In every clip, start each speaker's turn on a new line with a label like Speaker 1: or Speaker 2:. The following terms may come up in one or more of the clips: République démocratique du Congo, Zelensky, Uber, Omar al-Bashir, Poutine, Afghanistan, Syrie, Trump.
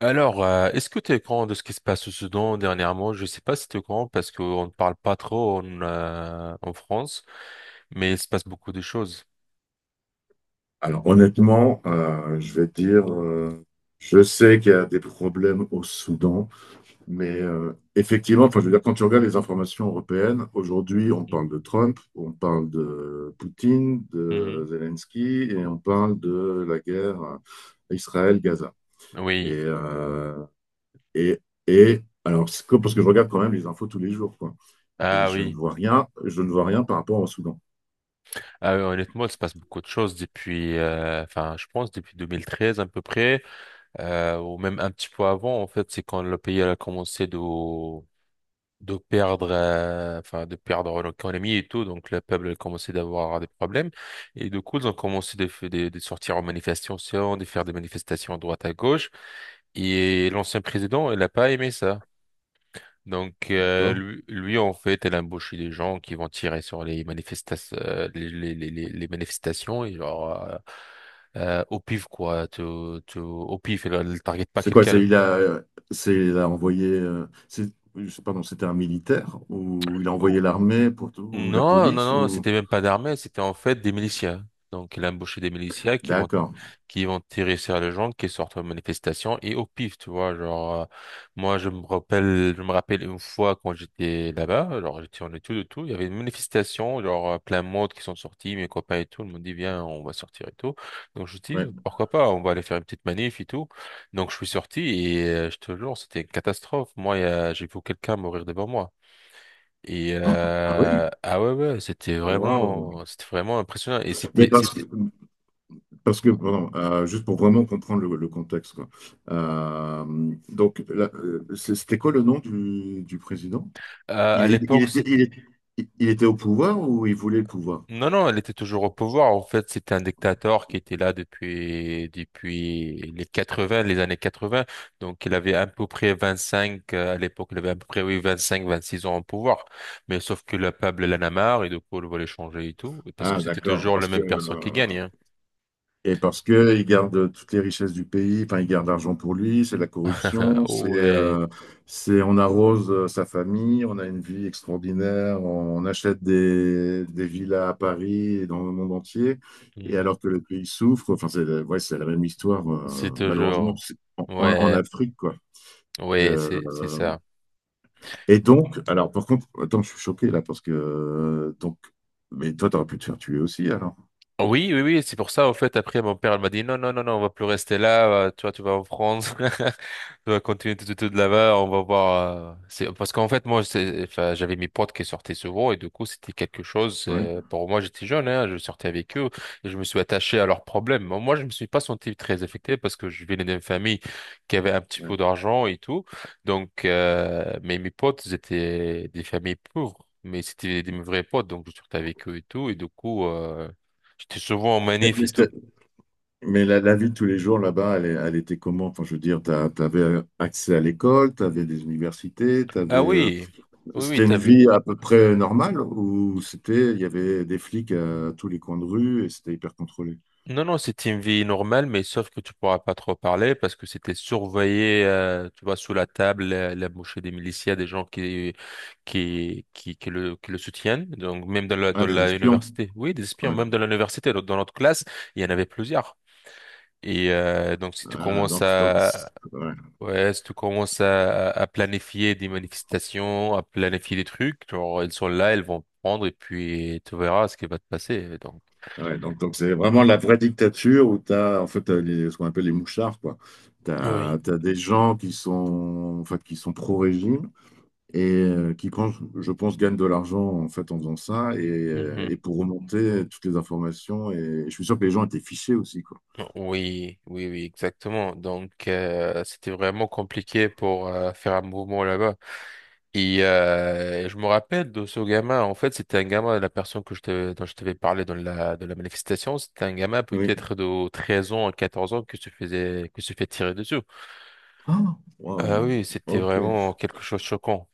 Speaker 1: Alors, est-ce que tu es au courant de ce qui se passe au Soudan dernièrement? Je sais pas si tu es au courant parce qu'on ne parle pas trop en France, mais il se passe beaucoup de choses.
Speaker 2: Alors honnêtement, je vais te dire, je sais qu'il y a des problèmes au Soudan. Mais effectivement, enfin, je veux dire, quand tu regardes les informations européennes, aujourd'hui, on
Speaker 1: Mhm.
Speaker 2: parle de Trump, on parle de Poutine, de
Speaker 1: Mhm.
Speaker 2: Zelensky, et on parle de la guerre Israël-Gaza. Et,
Speaker 1: Oui.
Speaker 2: euh, et, et alors, parce que je regarde quand même les infos tous les jours, quoi. Et
Speaker 1: Ah
Speaker 2: je ne
Speaker 1: oui.
Speaker 2: vois rien, je ne vois rien par rapport au Soudan.
Speaker 1: Ah oui, honnêtement, il se passe beaucoup de choses enfin, je pense depuis 2013 à peu près, ou même un petit peu avant. En fait, c'est quand le pays elle a commencé de perdre, enfin, de perdre l'économie et tout. Donc, le peuple a commencé d'avoir des problèmes. Et du coup, ils ont commencé de sortir en manifestation, de faire des manifestations à droite à gauche. Et l'ancien président, il n'a pas aimé ça. Donc,
Speaker 2: D'accord.
Speaker 1: lui, en fait, elle a embauché des gens qui vont tirer sur les manifestations, les manifestations et genre, au pif, quoi, au pif, elle ne target pas
Speaker 2: C'est quoi? C'est
Speaker 1: quelqu'un.
Speaker 2: il a, c'est il a envoyé. C'est, je sais pas, c'était un militaire ou il a envoyé l'armée pour tout ou la
Speaker 1: Non, non,
Speaker 2: police
Speaker 1: non,
Speaker 2: ou.
Speaker 1: c'était même pas d'armée, c'était en fait des miliciens. Donc, il a embauché des miliciens qui vont,
Speaker 2: D'accord.
Speaker 1: qui vont tirer sur les gens qui sortent aux manifestations et au pif, tu vois. Genre, moi, je me rappelle une fois quand j'étais là-bas, genre, j'étais en études et tout, il y avait une manifestation, genre, plein de monde qui sont sortis, mes copains et tout, ils m'ont dit, viens, on va sortir et tout. Donc, je dis,
Speaker 2: Ouais.
Speaker 1: pourquoi pas, on va aller faire une petite manif et tout. Donc, je suis sorti et je te jure, c'était une catastrophe. Moi, j'ai vu quelqu'un mourir devant moi. Et
Speaker 2: Ah oui.
Speaker 1: euh, ah ouais, ouais,
Speaker 2: Waouh.
Speaker 1: c'était vraiment impressionnant. Et
Speaker 2: Mais
Speaker 1: c'était
Speaker 2: parce que,
Speaker 1: c'était
Speaker 2: parce que pardon, juste pour vraiment comprendre le contexte, quoi. Donc, c'était quoi le nom du président?
Speaker 1: à
Speaker 2: Il, il- il
Speaker 1: l'époque,
Speaker 2: était,
Speaker 1: c'est
Speaker 2: il, est- il était au pouvoir ou il voulait le pouvoir?
Speaker 1: non, non, elle était toujours au pouvoir en fait. C'était un dictateur qui était là depuis les années quatre-vingts. Donc il avait à peu près 25, à l'époque, il avait à peu près, oui, 25, 26 ans au pouvoir. Mais sauf que le peuple l'en a marre et du coup, il voulait changer et tout parce que
Speaker 2: Ah,
Speaker 1: c'était
Speaker 2: d'accord.
Speaker 1: toujours la
Speaker 2: Parce que,
Speaker 1: même personne qui gagne, hein.
Speaker 2: et parce que il garde toutes les richesses du pays, enfin, il garde l'argent pour lui, c'est la corruption,
Speaker 1: Oh ouais.
Speaker 2: c'est, on arrose sa famille, on a une vie extraordinaire, on achète des villas à Paris et dans le monde entier, et
Speaker 1: Hmm.
Speaker 2: alors que le pays souffre, enfin, c'est, ouais, c'est la même histoire,
Speaker 1: C'est
Speaker 2: malheureusement,
Speaker 1: toujours.
Speaker 2: en, en
Speaker 1: Ouais.
Speaker 2: Afrique, quoi.
Speaker 1: Ouais,
Speaker 2: De,
Speaker 1: c'est ça.
Speaker 2: Et donc, alors par contre, attends, je suis choqué là parce que donc, mais toi, t'aurais pu te faire tuer aussi alors.
Speaker 1: Oui, oui, oui, c'est pour ça, en fait, après, mon père, il m'a dit, non, non, non, non, on va plus rester là, tu vois, tu vas en France, tu vas continuer tout, tout, tout de là-bas, on va voir, parce qu'en fait, enfin, j'avais mes potes qui sortaient souvent, et du coup, c'était quelque chose,
Speaker 2: Ouais.
Speaker 1: pour moi, j'étais jeune, hein, je sortais avec eux, et je me suis attaché à leurs problèmes. Moi, je me suis pas senti très affecté parce que je venais d'une famille qui avait un petit
Speaker 2: Ouais.
Speaker 1: peu d'argent et tout, mais mes potes, ils étaient des familles pauvres. Mais c'était des vrais potes, donc je sortais avec eux et tout. Et du coup, j'étais souvent en
Speaker 2: Mais,
Speaker 1: manif
Speaker 2: mais
Speaker 1: et tout.
Speaker 2: c'est- mais la, la vie de tous les jours là-bas, elle était comment? Enfin, je veux dire, t'avais accès à l'école, t'avais des universités, t'avais,
Speaker 1: Ah oui, oui, oui,
Speaker 2: c'était une
Speaker 1: t'avais.
Speaker 2: vie à peu près normale ou c'était, il y avait des flics à tous les coins de rue et c'était hyper contrôlé.
Speaker 1: Non, non, c'était une vie normale, mais sauf que tu pourras pas trop parler parce que c'était surveillé, tu vois, sous la table, la mochée des miliciens, des gens qui le soutiennent. Donc, même
Speaker 2: Ah,
Speaker 1: dans
Speaker 2: des
Speaker 1: la
Speaker 2: espions.
Speaker 1: université. Oui, des espions,
Speaker 2: Ouais.
Speaker 1: même dans l'université, dans notre classe, il y en avait plusieurs. Donc, si tu
Speaker 2: Ah,
Speaker 1: commences
Speaker 2: donc, donc,
Speaker 1: à,
Speaker 2: ouais.
Speaker 1: ouais, si tu commences à, à planifier des manifestations, à planifier des trucs, genre, elles sont là, elles vont prendre, et puis tu verras ce qui va te passer. Donc,
Speaker 2: Ouais, donc c'est vraiment la vraie dictature où tu as en fait t'as les, ce qu'on appelle les mouchards quoi. Tu
Speaker 1: oui.
Speaker 2: as, des gens qui sont en fait qui sont pro-régime et qui quand je pense gagnent de l'argent en fait en faisant ça
Speaker 1: Mhm.
Speaker 2: et pour remonter toutes les informations et, je suis sûr que les gens étaient fichés aussi quoi.
Speaker 1: Oui, oui, oui, exactement. Donc, c'était vraiment compliqué pour faire un mouvement là-bas. Je me rappelle de ce gamin. En fait, c'était un gamin, la personne dont je t'avais parlé de la manifestation, c'était un gamin
Speaker 2: Oui.
Speaker 1: peut-être de 13 ans à 14 ans que se fait tirer dessus.
Speaker 2: Ah,
Speaker 1: Ah
Speaker 2: waouh.
Speaker 1: oui, c'était
Speaker 2: OK.
Speaker 1: vraiment quelque chose de choquant.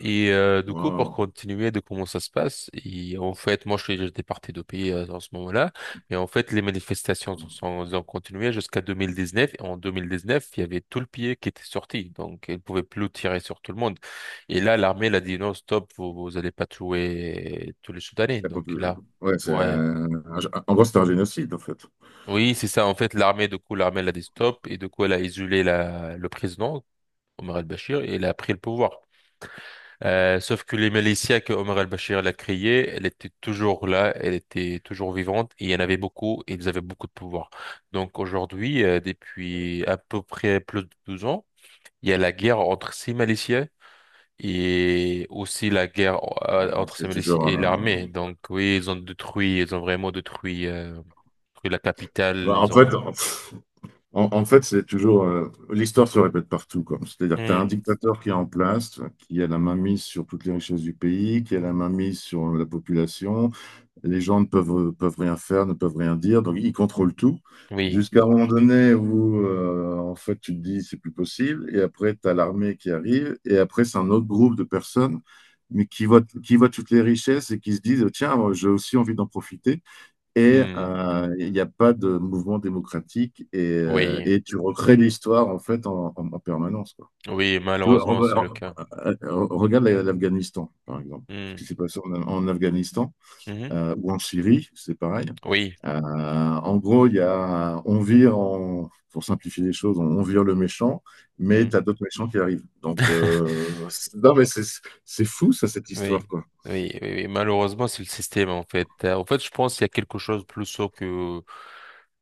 Speaker 1: Du coup, pour
Speaker 2: Waouh.
Speaker 1: continuer de comment ça se passe, et en fait, moi, je suis j'étais parti de pays, en ce moment-là, et en fait, les manifestations ont continué jusqu'à 2019. Et en 2019, il y avait tout le pays qui était sorti, donc ils ne pouvaient plus tirer sur tout le monde. Et là, l'armée elle a dit non, stop, vous allez pas tuer tous les Soudanais.
Speaker 2: La
Speaker 1: Donc
Speaker 2: popul-
Speaker 1: là,
Speaker 2: Ouais,
Speaker 1: ouais,
Speaker 2: en gros c'est un génocide en fait.
Speaker 1: oui, c'est ça. En fait, l'armée, du coup, l'armée elle a dit stop, et du coup, elle a isolé le président Omar al-Bashir et elle a pris le pouvoir. Sauf que les Malaysiens que Omar al-Bashir l'a créée, elle était toujours là, elle était toujours vivante, et il y en avait beaucoup, et ils avaient beaucoup de pouvoir. Donc aujourd'hui, depuis à peu près plus de 12 ans, il y a la guerre entre ces Malaysiens et aussi la guerre,
Speaker 2: Ouais,
Speaker 1: entre ces
Speaker 2: C'est
Speaker 1: Malaysiens
Speaker 2: toujours
Speaker 1: et
Speaker 2: un-
Speaker 1: l'armée. Donc oui, ils ont vraiment détruit, détruit la capitale,
Speaker 2: bah, en
Speaker 1: ils
Speaker 2: fait
Speaker 1: ont...
Speaker 2: En, en fait, c'est toujours l'histoire se répète partout, quoi. C'est-à-dire que tu as un
Speaker 1: Hmm.
Speaker 2: dictateur qui est en place, qui a la main mise sur toutes les richesses du pays, qui a la main mise sur la population. Les gens ne peuvent, peuvent rien faire, ne peuvent rien dire, donc ils contrôlent tout.
Speaker 1: Oui.
Speaker 2: Jusqu'à un moment donné où, en fait, tu te dis c'est plus possible, et après, tu as l'armée qui arrive, et après, c'est un autre groupe de personnes, mais qui voient toutes les richesses et qui se disent, tiens, moi, j'ai aussi envie d'en profiter et
Speaker 1: Hmm.
Speaker 2: il n'y a pas de mouvement démocratique
Speaker 1: Oui,
Speaker 2: et tu recrées l'histoire en fait en, en permanence, quoi.
Speaker 1: oui,
Speaker 2: Tu vois,
Speaker 1: malheureusement, c'est le cas.
Speaker 2: regarde l'Afghanistan, par exemple. Ce qui
Speaker 1: Hmm.
Speaker 2: s'est passé en, en Afghanistan
Speaker 1: Mhm.
Speaker 2: ou en Syrie, c'est pareil.
Speaker 1: Oui.
Speaker 2: En gros, il y a, on vire, en, pour simplifier les choses, on vire le méchant, mais tu
Speaker 1: Hmm.
Speaker 2: as d'autres méchants qui arrivent. Donc, non, mais c'est fou, ça, cette histoire,
Speaker 1: Oui,
Speaker 2: quoi.
Speaker 1: oui, oui, oui. Malheureusement, c'est le système, en fait. En fait, je pense qu'il y a quelque chose de plus sourd que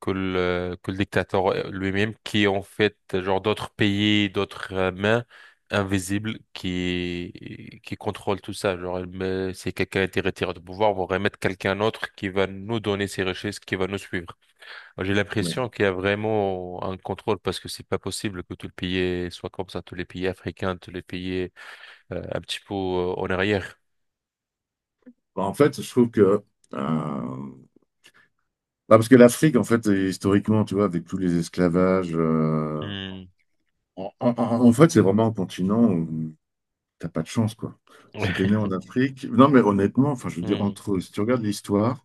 Speaker 1: que le dictateur, lui-même, qui est en fait genre d'autres pays, d'autres, mains invisibles qui contrôlent tout ça. Genre, si quelqu'un a été retiré du pouvoir, on va remettre quelqu'un d'autre qui va nous donner ses richesses, qui va nous suivre. J'ai
Speaker 2: Ouais.
Speaker 1: l'impression qu'il y a vraiment un contrôle parce que c'est pas possible que tout le pays soit comme ça, tous les pays africains, tous les pays, un petit peu, en arrière.
Speaker 2: En fait, je trouve que. euh, parce que l'Afrique, en fait, historiquement, tu vois, avec tous les esclavages.
Speaker 1: Hmm.
Speaker 2: En fait, c'est vraiment un continent où t'as pas de chance, quoi. Si t'es né
Speaker 1: Ouais.
Speaker 2: en Afrique. Non, mais honnêtement, enfin, je veux dire,
Speaker 1: Hmm.
Speaker 2: entre. Si tu regardes l'histoire.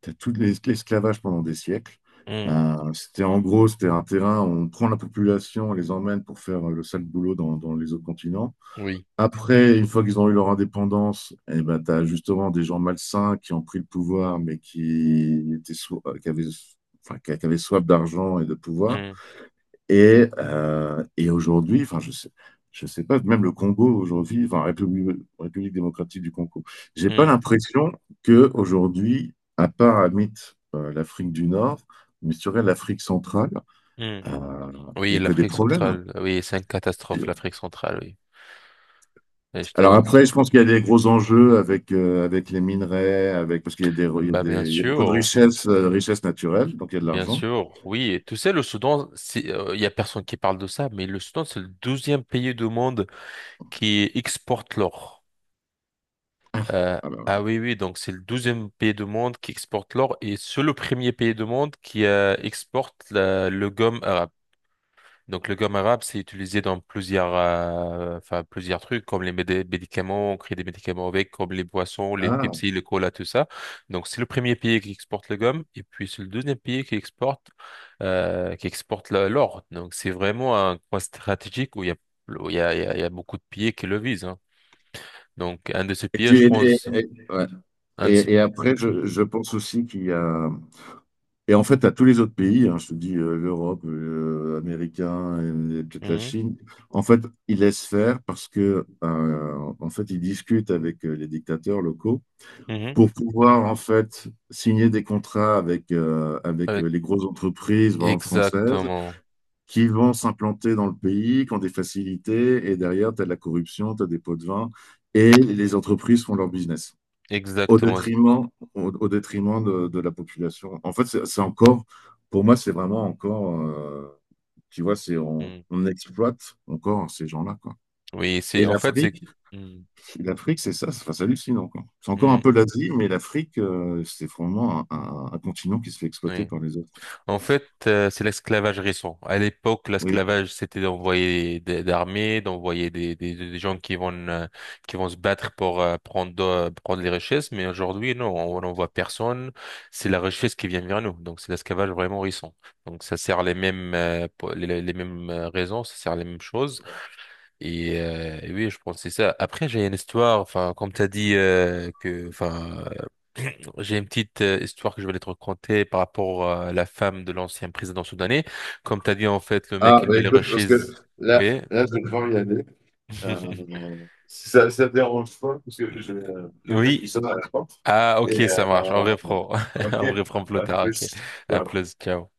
Speaker 2: T'as tout l'esclavage pendant des siècles.
Speaker 1: Hmm.
Speaker 2: C'était en gros, c'était un terrain où on prend la population, on les emmène pour faire le sale boulot dans, dans les autres continents.
Speaker 1: Oui.
Speaker 2: Après, une fois qu'ils ont eu leur indépendance, eh ben, tu as justement des gens malsains qui ont pris le pouvoir, mais qui étaient qui avaient, enfin, qui avaient soif d'argent et de pouvoir
Speaker 1: Hmm.
Speaker 2: et aujourd'hui, enfin, je sais pas, même le Congo aujourd'hui, enfin, République démocratique du Congo, j'ai pas
Speaker 1: Hmm.
Speaker 2: l'impression que aujourd'hui, à part à mythe, l'Afrique du Nord, mais sur elle, l'Afrique centrale,
Speaker 1: Hmm.
Speaker 2: euh, il n'y
Speaker 1: Oui,
Speaker 2: a que des
Speaker 1: l'Afrique
Speaker 2: problèmes.
Speaker 1: centrale. Oui, c'est une catastrophe, l'Afrique centrale, oui. Et je
Speaker 2: Alors
Speaker 1: t'avoue.
Speaker 2: après, je pense qu'il y a des gros enjeux avec, avec les minerais, avec, parce qu'il y a des,
Speaker 1: Bah, bien
Speaker 2: il y a beaucoup de
Speaker 1: sûr.
Speaker 2: richesses, richesses naturelles, donc il y a de
Speaker 1: Bien
Speaker 2: l'argent.
Speaker 1: sûr. Oui. Et tu sais, le Soudan, il y a personne qui parle de ça, mais le Soudan, c'est le 12e pays du monde qui exporte l'or. Euh,
Speaker 2: Ah ben
Speaker 1: ah
Speaker 2: voilà.
Speaker 1: oui, oui. Donc, c'est le 12e pays du monde qui exporte l'or et c'est le premier pays du monde qui exporte le gomme arabe. Donc le gomme arabe, c'est utilisé dans enfin, plusieurs trucs, comme les médicaments, on crée des médicaments avec, comme les boissons, les
Speaker 2: Ah.
Speaker 1: Pepsi, le cola, tout ça. Donc c'est le premier pays qui exporte le gomme, et puis c'est le deuxième pays qui exporte l'or. Donc c'est vraiment un coin stratégique où il y a, où il y a, il y a, il y a beaucoup de pays qui le visent, hein. Donc un de ces
Speaker 2: Et,
Speaker 1: pays,
Speaker 2: tu-
Speaker 1: je
Speaker 2: et-
Speaker 1: pense,
Speaker 2: ouais.
Speaker 1: un de ces...
Speaker 2: Et après,
Speaker 1: Mhm,
Speaker 2: je pense aussi qu'il y a, Et en fait, à tous les autres pays, hein, je te dis l'Europe, américain et, peut-être la
Speaker 1: mhm,
Speaker 2: Chine, en fait, ils laissent faire parce que, ben, en fait, ils discutent avec les dictateurs locaux
Speaker 1: mhm.
Speaker 2: pour pouvoir, en fait, signer des contrats avec, avec
Speaker 1: Avec-
Speaker 2: les grosses entreprises, par exemple, françaises,
Speaker 1: Exactement.
Speaker 2: qui vont s'implanter dans le pays, qui ont des facilités, et derrière, tu as de la corruption, tu as des pots de vin, et les
Speaker 1: Mhm.
Speaker 2: entreprises font leur business au
Speaker 1: Exactement.
Speaker 2: détriment, au détriment de la population. En fait, c'est encore, pour moi, c'est vraiment encore, tu vois, c'est
Speaker 1: Mhm.
Speaker 2: on exploite encore ces gens-là, quoi.
Speaker 1: Oui,
Speaker 2: Et
Speaker 1: c'est...
Speaker 2: l'Afrique, l'Afrique, c'est ça, c'est enfin, c'est hallucinant, quoi. C'est encore
Speaker 1: Mhm,
Speaker 2: un
Speaker 1: mhm.
Speaker 2: peu l'Asie, mais l'Afrique, c'est vraiment un, un continent qui se fait exploiter
Speaker 1: Oui.
Speaker 2: par les autres, quoi.
Speaker 1: En fait, c'est l'esclavage récent. À l'époque,
Speaker 2: Oui.
Speaker 1: l'esclavage, c'était d'envoyer des armées, d'envoyer des gens qui vont se battre pour prendre les richesses. Mais aujourd'hui, non, on n'envoie personne. C'est la richesse qui vient vers nous. Donc, c'est l'esclavage vraiment récent. Donc, ça sert les mêmes, raisons, ça sert les mêmes choses. Et oui, je pense que c'est ça. Après, j'ai une histoire, enfin, comme tu as dit, j'ai une petite, histoire que je vais te raconter par rapport, à la femme de l'ancien président soudanais. Comme t'as dit, en fait, le mec,
Speaker 2: Ah,
Speaker 1: il
Speaker 2: bah
Speaker 1: met les
Speaker 2: écoute,
Speaker 1: rushes.
Speaker 2: parce que là,
Speaker 1: Oui.
Speaker 2: là, je vais devoir y aller. Euh, si ça ne dérange pas, parce que j'ai quelqu'un qui
Speaker 1: Oui.
Speaker 2: sonne à la porte.
Speaker 1: Ah, ok,
Speaker 2: Et
Speaker 1: ça marche. En vrai pro.
Speaker 2: ok,
Speaker 1: En vrai pro plus
Speaker 2: à
Speaker 1: tard. Ok.
Speaker 2: plus.
Speaker 1: À plus. Ciao.